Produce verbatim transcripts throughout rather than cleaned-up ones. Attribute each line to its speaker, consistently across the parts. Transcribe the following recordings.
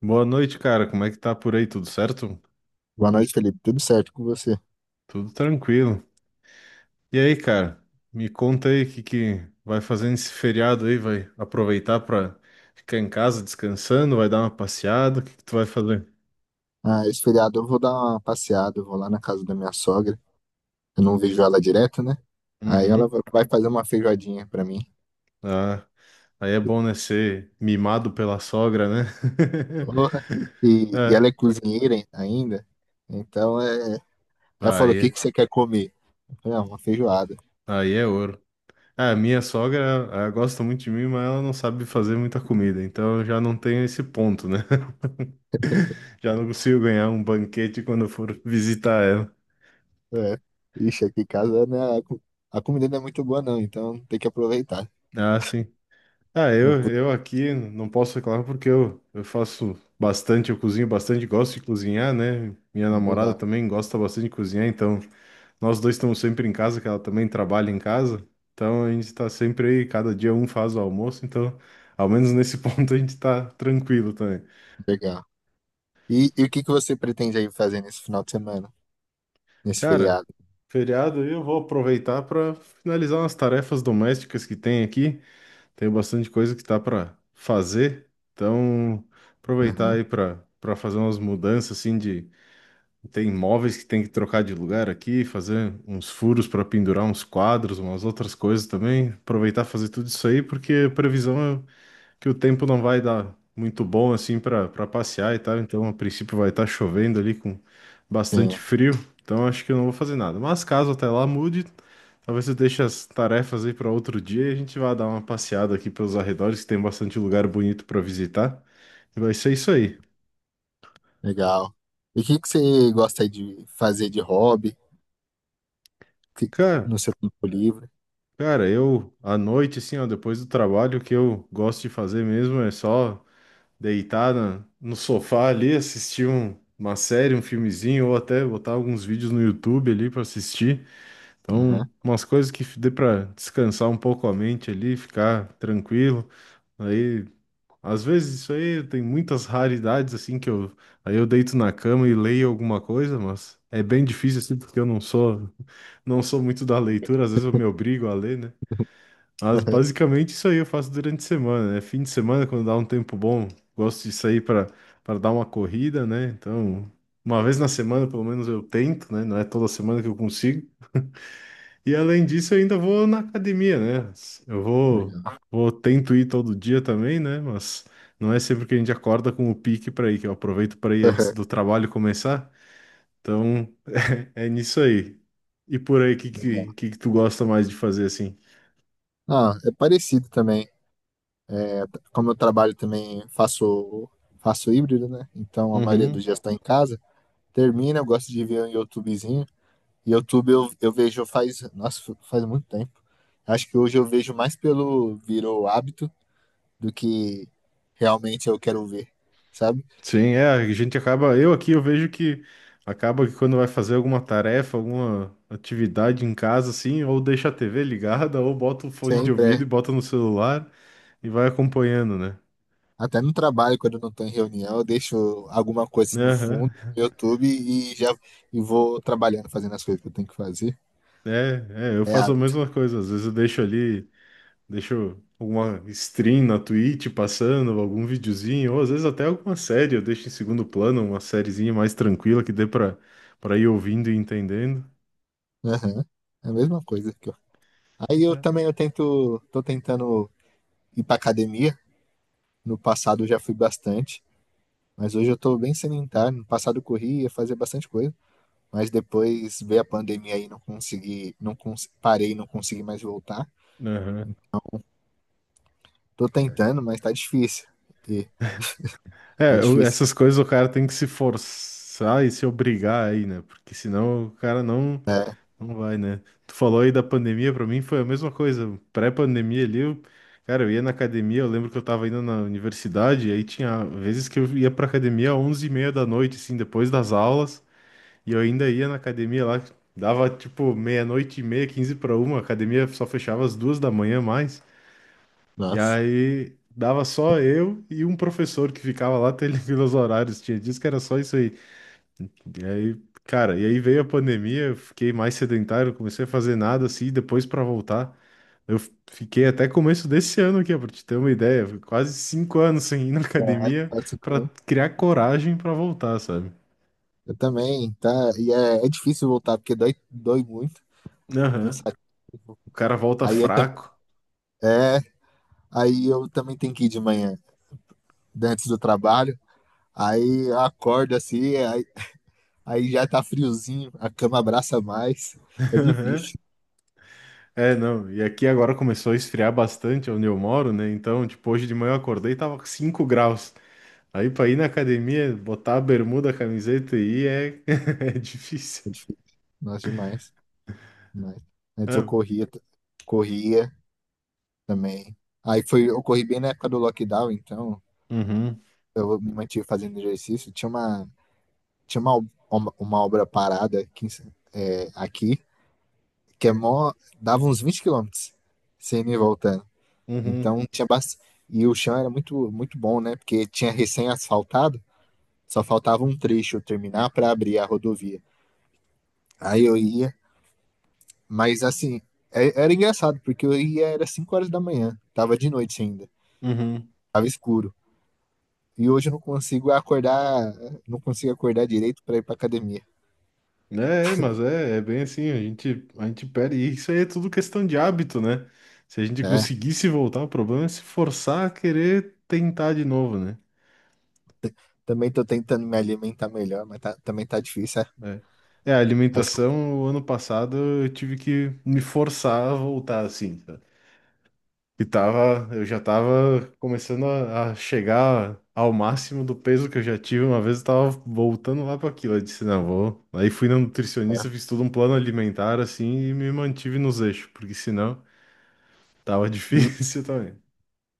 Speaker 1: Boa noite, cara. Como é que tá por aí? Tudo certo?
Speaker 2: Boa noite, Felipe. Tudo certo com você?
Speaker 1: Tudo tranquilo. E aí, cara? Me conta aí o que que vai fazer nesse feriado aí? Vai aproveitar pra ficar em casa descansando? Vai dar uma passeada? O que que tu vai fazer?
Speaker 2: Ah, esse feriado eu vou dar uma passeada, eu vou lá na casa da minha sogra. Eu não vejo ela direto, né? Aí ela
Speaker 1: Uhum.
Speaker 2: va- vai fazer uma feijoadinha pra mim.
Speaker 1: Ah, aí é bom, né? Ser mimado pela sogra, né?
Speaker 2: Porra. E, e
Speaker 1: É.
Speaker 2: ela é cozinheira ai- ainda, então é... Ela falou: o que
Speaker 1: Aí,
Speaker 2: que você quer comer? Eu falei, ah, uma feijoada.
Speaker 1: aí é ouro. Ah, minha sogra, ela gosta muito de mim, mas ela não sabe fazer muita comida, então eu já não tenho esse ponto, né? Já não consigo ganhar um banquete quando eu for visitar ela.
Speaker 2: É. Ixi, aqui em casa, né, a, co- a comida não é muito boa, não, então tem que aproveitar.
Speaker 1: Ah, sim. Ah,
Speaker 2: Não,
Speaker 1: eu,
Speaker 2: cu-
Speaker 1: eu aqui não posso reclamar porque eu, eu faço bastante, eu cozinho bastante, gosto de cozinhar, né? Minha namorada
Speaker 2: legal,
Speaker 1: também gosta bastante de cozinhar, então nós dois estamos sempre em casa, que ela também trabalha em casa. Então a gente está sempre aí, cada dia um faz o almoço, então ao menos nesse ponto a gente tá tranquilo também.
Speaker 2: legal. E, e o que que você pretende aí fazer nesse final de semana, nesse
Speaker 1: Cara,
Speaker 2: feriado?
Speaker 1: feriado aí eu vou aproveitar para finalizar umas tarefas domésticas que tem aqui. Tenho bastante coisa que tá para fazer, então aproveitar
Speaker 2: Aham.
Speaker 1: aí para para fazer umas mudanças assim. De Tem móveis que tem que trocar de lugar aqui, fazer uns furos para pendurar uns quadros, umas outras coisas também. Aproveitar e fazer tudo isso aí porque a previsão é que o tempo não vai dar muito bom assim para para passear e tal, então a princípio vai estar chovendo ali com bastante frio, então acho que eu não vou fazer nada. Mas caso até lá mude, talvez eu deixe as tarefas aí para outro dia e a gente vá dar uma passeada aqui pelos arredores, que tem bastante lugar bonito para visitar. E vai ser isso aí.
Speaker 2: Legal. E o que que você gosta aí de fazer de hobby que-
Speaker 1: Cara,
Speaker 2: no seu tempo livre?
Speaker 1: cara, eu à noite assim, ó, depois do trabalho, o que eu gosto de fazer mesmo é só deitar na- no sofá ali, assistir um- uma série, um filmezinho, ou até botar alguns vídeos no YouTube ali para assistir. Então,
Speaker 2: Aham,
Speaker 1: umas coisas que dê para descansar um pouco a mente ali, ficar tranquilo. Aí, às vezes isso aí tem muitas raridades assim que eu, aí eu deito na cama e leio alguma coisa, mas é bem difícil assim porque eu não sou não sou muito da leitura, às vezes eu me obrigo a ler, né? Mas
Speaker 2: aham.
Speaker 1: basicamente isso aí eu faço durante a semana, né? Fim de semana, quando dá um tempo bom, gosto de sair para para dar uma corrida, né? Então, uma vez na semana, pelo menos eu tento, né? Não é toda semana que eu consigo. E além disso, eu ainda vou na academia, né? Eu vou,
Speaker 2: Legal.
Speaker 1: vou tento ir todo dia também, né? Mas não é sempre que a gente acorda com o pique para ir, que eu aproveito para ir antes
Speaker 2: Aham,
Speaker 1: do trabalho começar. Então, é nisso aí. E por aí, o que,
Speaker 2: legal.
Speaker 1: que, que que tu gosta mais de fazer assim?
Speaker 2: Ah, é parecido também. É, t- como eu trabalho também, faço, faço híbrido, né? Então a maioria dos
Speaker 1: Uhum.
Speaker 2: dias está em casa. Termina, eu gosto de ver um YouTubezinho. YouTube eu, eu vejo faz, nossa, faz muito tempo. Acho que hoje eu vejo mais pelo virou hábito do que realmente eu quero ver, sabe?
Speaker 1: Sim, é, a gente acaba, eu aqui eu vejo que acaba que quando vai fazer alguma tarefa, alguma atividade em casa, assim, ou deixa a T V ligada, ou bota o fone de
Speaker 2: Sempre.
Speaker 1: ouvido e
Speaker 2: É.
Speaker 1: bota no celular e vai acompanhando, né?
Speaker 2: Até no trabalho, quando eu não estou em reunião, eu deixo alguma coisa no fundo
Speaker 1: Aham.
Speaker 2: no YouTube e já e vou trabalhando, fazendo as coisas que eu tenho que fazer.
Speaker 1: É, é, eu
Speaker 2: É
Speaker 1: faço a
Speaker 2: hábito.
Speaker 1: mesma coisa, às vezes eu deixo ali, deixo alguma stream na Twitch passando, algum videozinho, ou às vezes até alguma série, eu deixo em segundo plano, uma sériezinha mais tranquila que dê pra, pra ir ouvindo e entendendo.
Speaker 2: Aham. É a mesma coisa que eu. Aí eu também eu tento, tô tentando ir pra academia. No passado eu já fui bastante, mas hoje eu tô bem sedentário. No passado eu corria, fazia bastante coisa, mas depois veio a pandemia aí, não consegui, não cons... parei, não consegui mais voltar.
Speaker 1: Aham.
Speaker 2: Tô tentando, mas tá difícil. E é
Speaker 1: É, eu-
Speaker 2: difícil.
Speaker 1: essas coisas o cara tem que se forçar e se obrigar aí, né? Porque senão o cara não, não vai, né? Tu falou aí da pandemia, pra mim foi a mesma coisa. Pré-pandemia ali, eu, cara, eu ia na academia, eu lembro que eu tava indo na universidade, e aí tinha vezes que eu ia pra academia às onze e meia da noite, assim, depois das aulas, e eu ainda ia na academia lá, dava tipo meia-noite e meia, quinze pra uma, a academia só fechava às duas da manhã mais. E
Speaker 2: Nossa.
Speaker 1: aí dava só eu e um professor que ficava lá televindo os horários. Tinha dias que era só isso aí. E aí, cara, e aí veio a pandemia, eu fiquei mais sedentário, comecei a fazer nada assim, e depois para voltar. Eu f- fiquei até começo desse ano aqui, para te ter uma ideia, foi quase cinco anos sem ir na
Speaker 2: É,
Speaker 1: academia
Speaker 2: quase
Speaker 1: para
Speaker 2: cinco.
Speaker 1: criar coragem para voltar, sabe?
Speaker 2: Eu também, tá? E é, é difícil voltar, porque dói, dói muito, é
Speaker 1: Aham.
Speaker 2: cansativo.
Speaker 1: O cara volta
Speaker 2: Aí eu, tam-
Speaker 1: fraco.
Speaker 2: é, aí eu também tenho que ir de manhã, né, antes do trabalho. Aí eu acordo assim, aí, aí já tá friozinho, a cama abraça mais. É
Speaker 1: Aham.
Speaker 2: difícil,
Speaker 1: É, não. E aqui agora começou a esfriar bastante onde eu moro, né? Então, tipo, hoje de manhã eu acordei e tava com cinco graus. Aí pra ir na academia, botar a bermuda, a camiseta e ir é, é difícil.
Speaker 2: é difícil. Nossa, demais, demais. Antes eu
Speaker 1: É.
Speaker 2: corria, t- corria também. Aí foi, eu corri bem na época do lockdown, então
Speaker 1: Uhum,
Speaker 2: eu me mantive fazendo exercício. Tinha uma, tinha uma, ob- uma, uma obra parada aqui, em Sa- é, aqui. Que é mó. Dava uns vinte quilômetros sem ir e voltando.
Speaker 1: uhum,
Speaker 2: Então tinha bastante. E o chão era muito, muito bom, né? Porque tinha recém-asfaltado, só faltava um trecho terminar para abrir a rodovia. Aí eu ia, mas assim, é- era engraçado, porque eu ia era cinco horas da manhã, tava de noite ainda,
Speaker 1: uhum.
Speaker 2: tava escuro. E hoje eu não consigo acordar, não consigo acordar direito para ir pra academia,
Speaker 1: É, é, mas é, é bem assim, a gente, a gente perde. E isso aí é tudo questão de hábito, né? Se a gente
Speaker 2: né?
Speaker 1: conseguisse voltar, o problema é se forçar a querer tentar de novo, né?
Speaker 2: Também tô tentando me alimentar melhor, mas tá- também tá difícil. É?
Speaker 1: É, é, a
Speaker 2: Assim,
Speaker 1: alimentação, o ano passado eu tive que me forçar a voltar assim. Sabe? E tava, eu já tava começando a, a chegar ao máximo do peso que eu já tive. Uma vez eu tava voltando lá para aquilo. Eu disse, não, vou. Aí fui na
Speaker 2: é.
Speaker 1: nutricionista, fiz todo um plano alimentar assim e me mantive nos eixos, porque senão tava
Speaker 2: E,
Speaker 1: difícil também.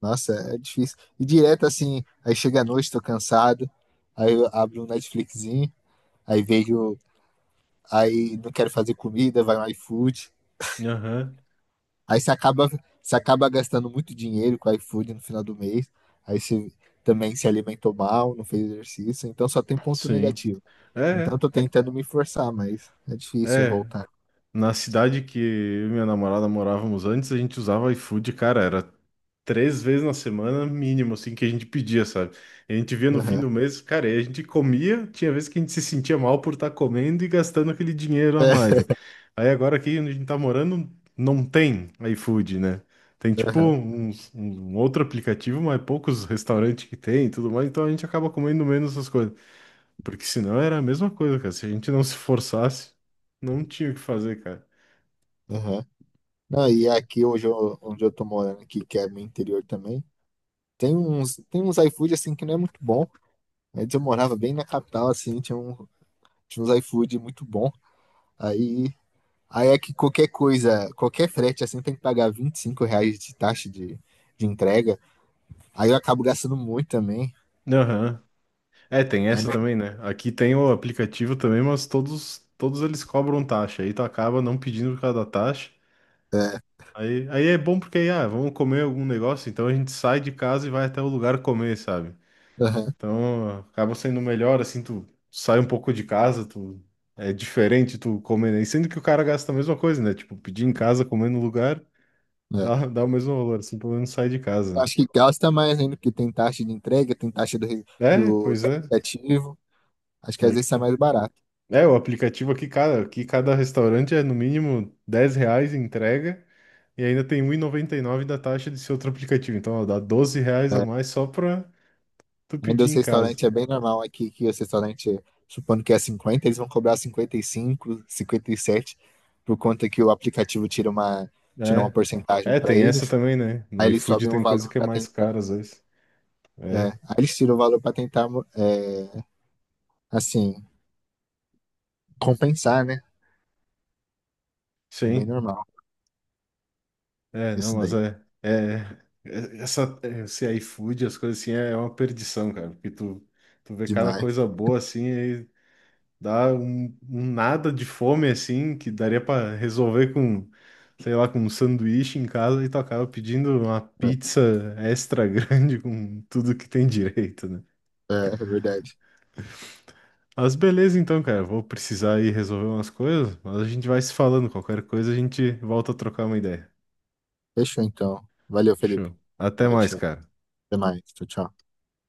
Speaker 2: nossa, é difícil. E direto assim, aí chega a noite, tô cansado, aí eu abro um Netflixzinho, aí vejo, aí não quero fazer comida, vai no iFood.
Speaker 1: Aham,
Speaker 2: Aí você acaba, Você acaba gastando muito dinheiro com o iFood no final do mês. Aí você também se alimentou mal, não fez exercício, então só tem ponto
Speaker 1: sim.
Speaker 2: negativo.
Speaker 1: É,
Speaker 2: Então eu
Speaker 1: é.
Speaker 2: tô tentando me forçar, mas é difícil
Speaker 1: É,
Speaker 2: voltar.
Speaker 1: na cidade que eu e minha namorada morávamos antes, a gente usava iFood, cara, era três vezes na semana, mínimo, assim, que a gente pedia, sabe? A gente via no fim
Speaker 2: Aham,
Speaker 1: do mês, cara, e a gente comia, tinha vezes que a gente se sentia mal por estar comendo e gastando aquele dinheiro a
Speaker 2: é,
Speaker 1: mais, né? Aí agora aqui onde a gente tá morando, não tem iFood, né? Tem tipo
Speaker 2: aham,
Speaker 1: uns- um outro aplicativo, mas poucos restaurantes que tem e tudo mais, então a gente acaba comendo menos essas coisas. Porque senão era a mesma coisa, cara. Se a gente não se forçasse, não tinha o que fazer, cara.
Speaker 2: aham. Não, e aqui hoje eu- onde eu tô morando aqui, que é meu interior também. Tem uns, tem uns iFood assim que não é muito bom. Antes eu morava bem na capital, assim, tinha, um, tinha uns iFood muito bom. Aí, aí é que qualquer coisa, qualquer frete assim tem que pagar vinte e cinco reais de taxa de, de entrega. Aí eu acabo gastando muito também.
Speaker 1: Aham. É, tem
Speaker 2: Aí
Speaker 1: essa
Speaker 2: não,
Speaker 1: também, né? Aqui tem o aplicativo também, mas todos, todos eles cobram taxa. Aí tu acaba não pedindo por causa da taxa.
Speaker 2: é,
Speaker 1: Aí, aí é bom porque aí, ah, vamos comer algum negócio, então a gente sai de casa e vai até o lugar comer, sabe?
Speaker 2: aham,
Speaker 1: Então acaba sendo melhor, assim, tu sai um pouco de casa, tu é diferente tu comer, né? E sendo que o cara gasta a mesma coisa, né? Tipo, pedir em casa, comer no lugar,
Speaker 2: é.
Speaker 1: dá, dá o mesmo valor, assim, pelo menos sai de casa,
Speaker 2: Eu
Speaker 1: né?
Speaker 2: acho que gasta mais ainda, porque tem taxa de entrega, tem taxa do, re-
Speaker 1: É,
Speaker 2: do, do
Speaker 1: pois é,
Speaker 2: aplicativo. Acho que às
Speaker 1: aí que
Speaker 2: vezes sai
Speaker 1: tá.
Speaker 2: mais barato.
Speaker 1: É, o aplicativo aqui, cara, aqui cada restaurante é no mínimo dez reais em entrega e ainda tem um e noventa e nove da taxa desse outro aplicativo. Então, ó, dá doze reais a
Speaker 2: É.
Speaker 1: mais só pra tu
Speaker 2: Ainda
Speaker 1: pedir
Speaker 2: os
Speaker 1: em casa.
Speaker 2: restaurantes é bem normal aqui, que os restaurantes, supondo que é cinquenta, eles vão cobrar cinquenta, cinquenta e cinco, cinquenta e sete, por conta que o aplicativo tira uma, tira uma
Speaker 1: É,
Speaker 2: porcentagem
Speaker 1: é,
Speaker 2: para
Speaker 1: tem essa
Speaker 2: eles.
Speaker 1: também, né? No
Speaker 2: Aí eles
Speaker 1: iFood
Speaker 2: sobem o
Speaker 1: tem coisa
Speaker 2: valor
Speaker 1: que é
Speaker 2: para
Speaker 1: mais
Speaker 2: tentar.
Speaker 1: cara às vezes.
Speaker 2: É,
Speaker 1: É,
Speaker 2: aí eles tiram o valor para tentar, é, assim, compensar, né? É bem
Speaker 1: sim.
Speaker 2: normal
Speaker 1: É, não,
Speaker 2: isso
Speaker 1: mas
Speaker 2: daí.
Speaker 1: é, é, é- essa, é, esse iFood, as coisas assim, é uma perdição, cara, porque tu, tu vê cada
Speaker 2: Demais.
Speaker 1: coisa boa assim. Dá um, um nada de fome assim, que daria pra resolver com, sei lá, com um sanduíche em casa e tu acaba pedindo uma pizza extra grande com tudo que tem direito, né?
Speaker 2: É, é é verdade.
Speaker 1: Mas beleza então, cara, vou precisar ir resolver umas coisas, mas a gente vai se falando, qualquer coisa a gente volta a trocar uma ideia.
Speaker 2: Fechou então. Valeu, Felipe.
Speaker 1: Show. Até
Speaker 2: Boa
Speaker 1: mais,
Speaker 2: noite.
Speaker 1: cara.
Speaker 2: Até mais. Tchau, tchau.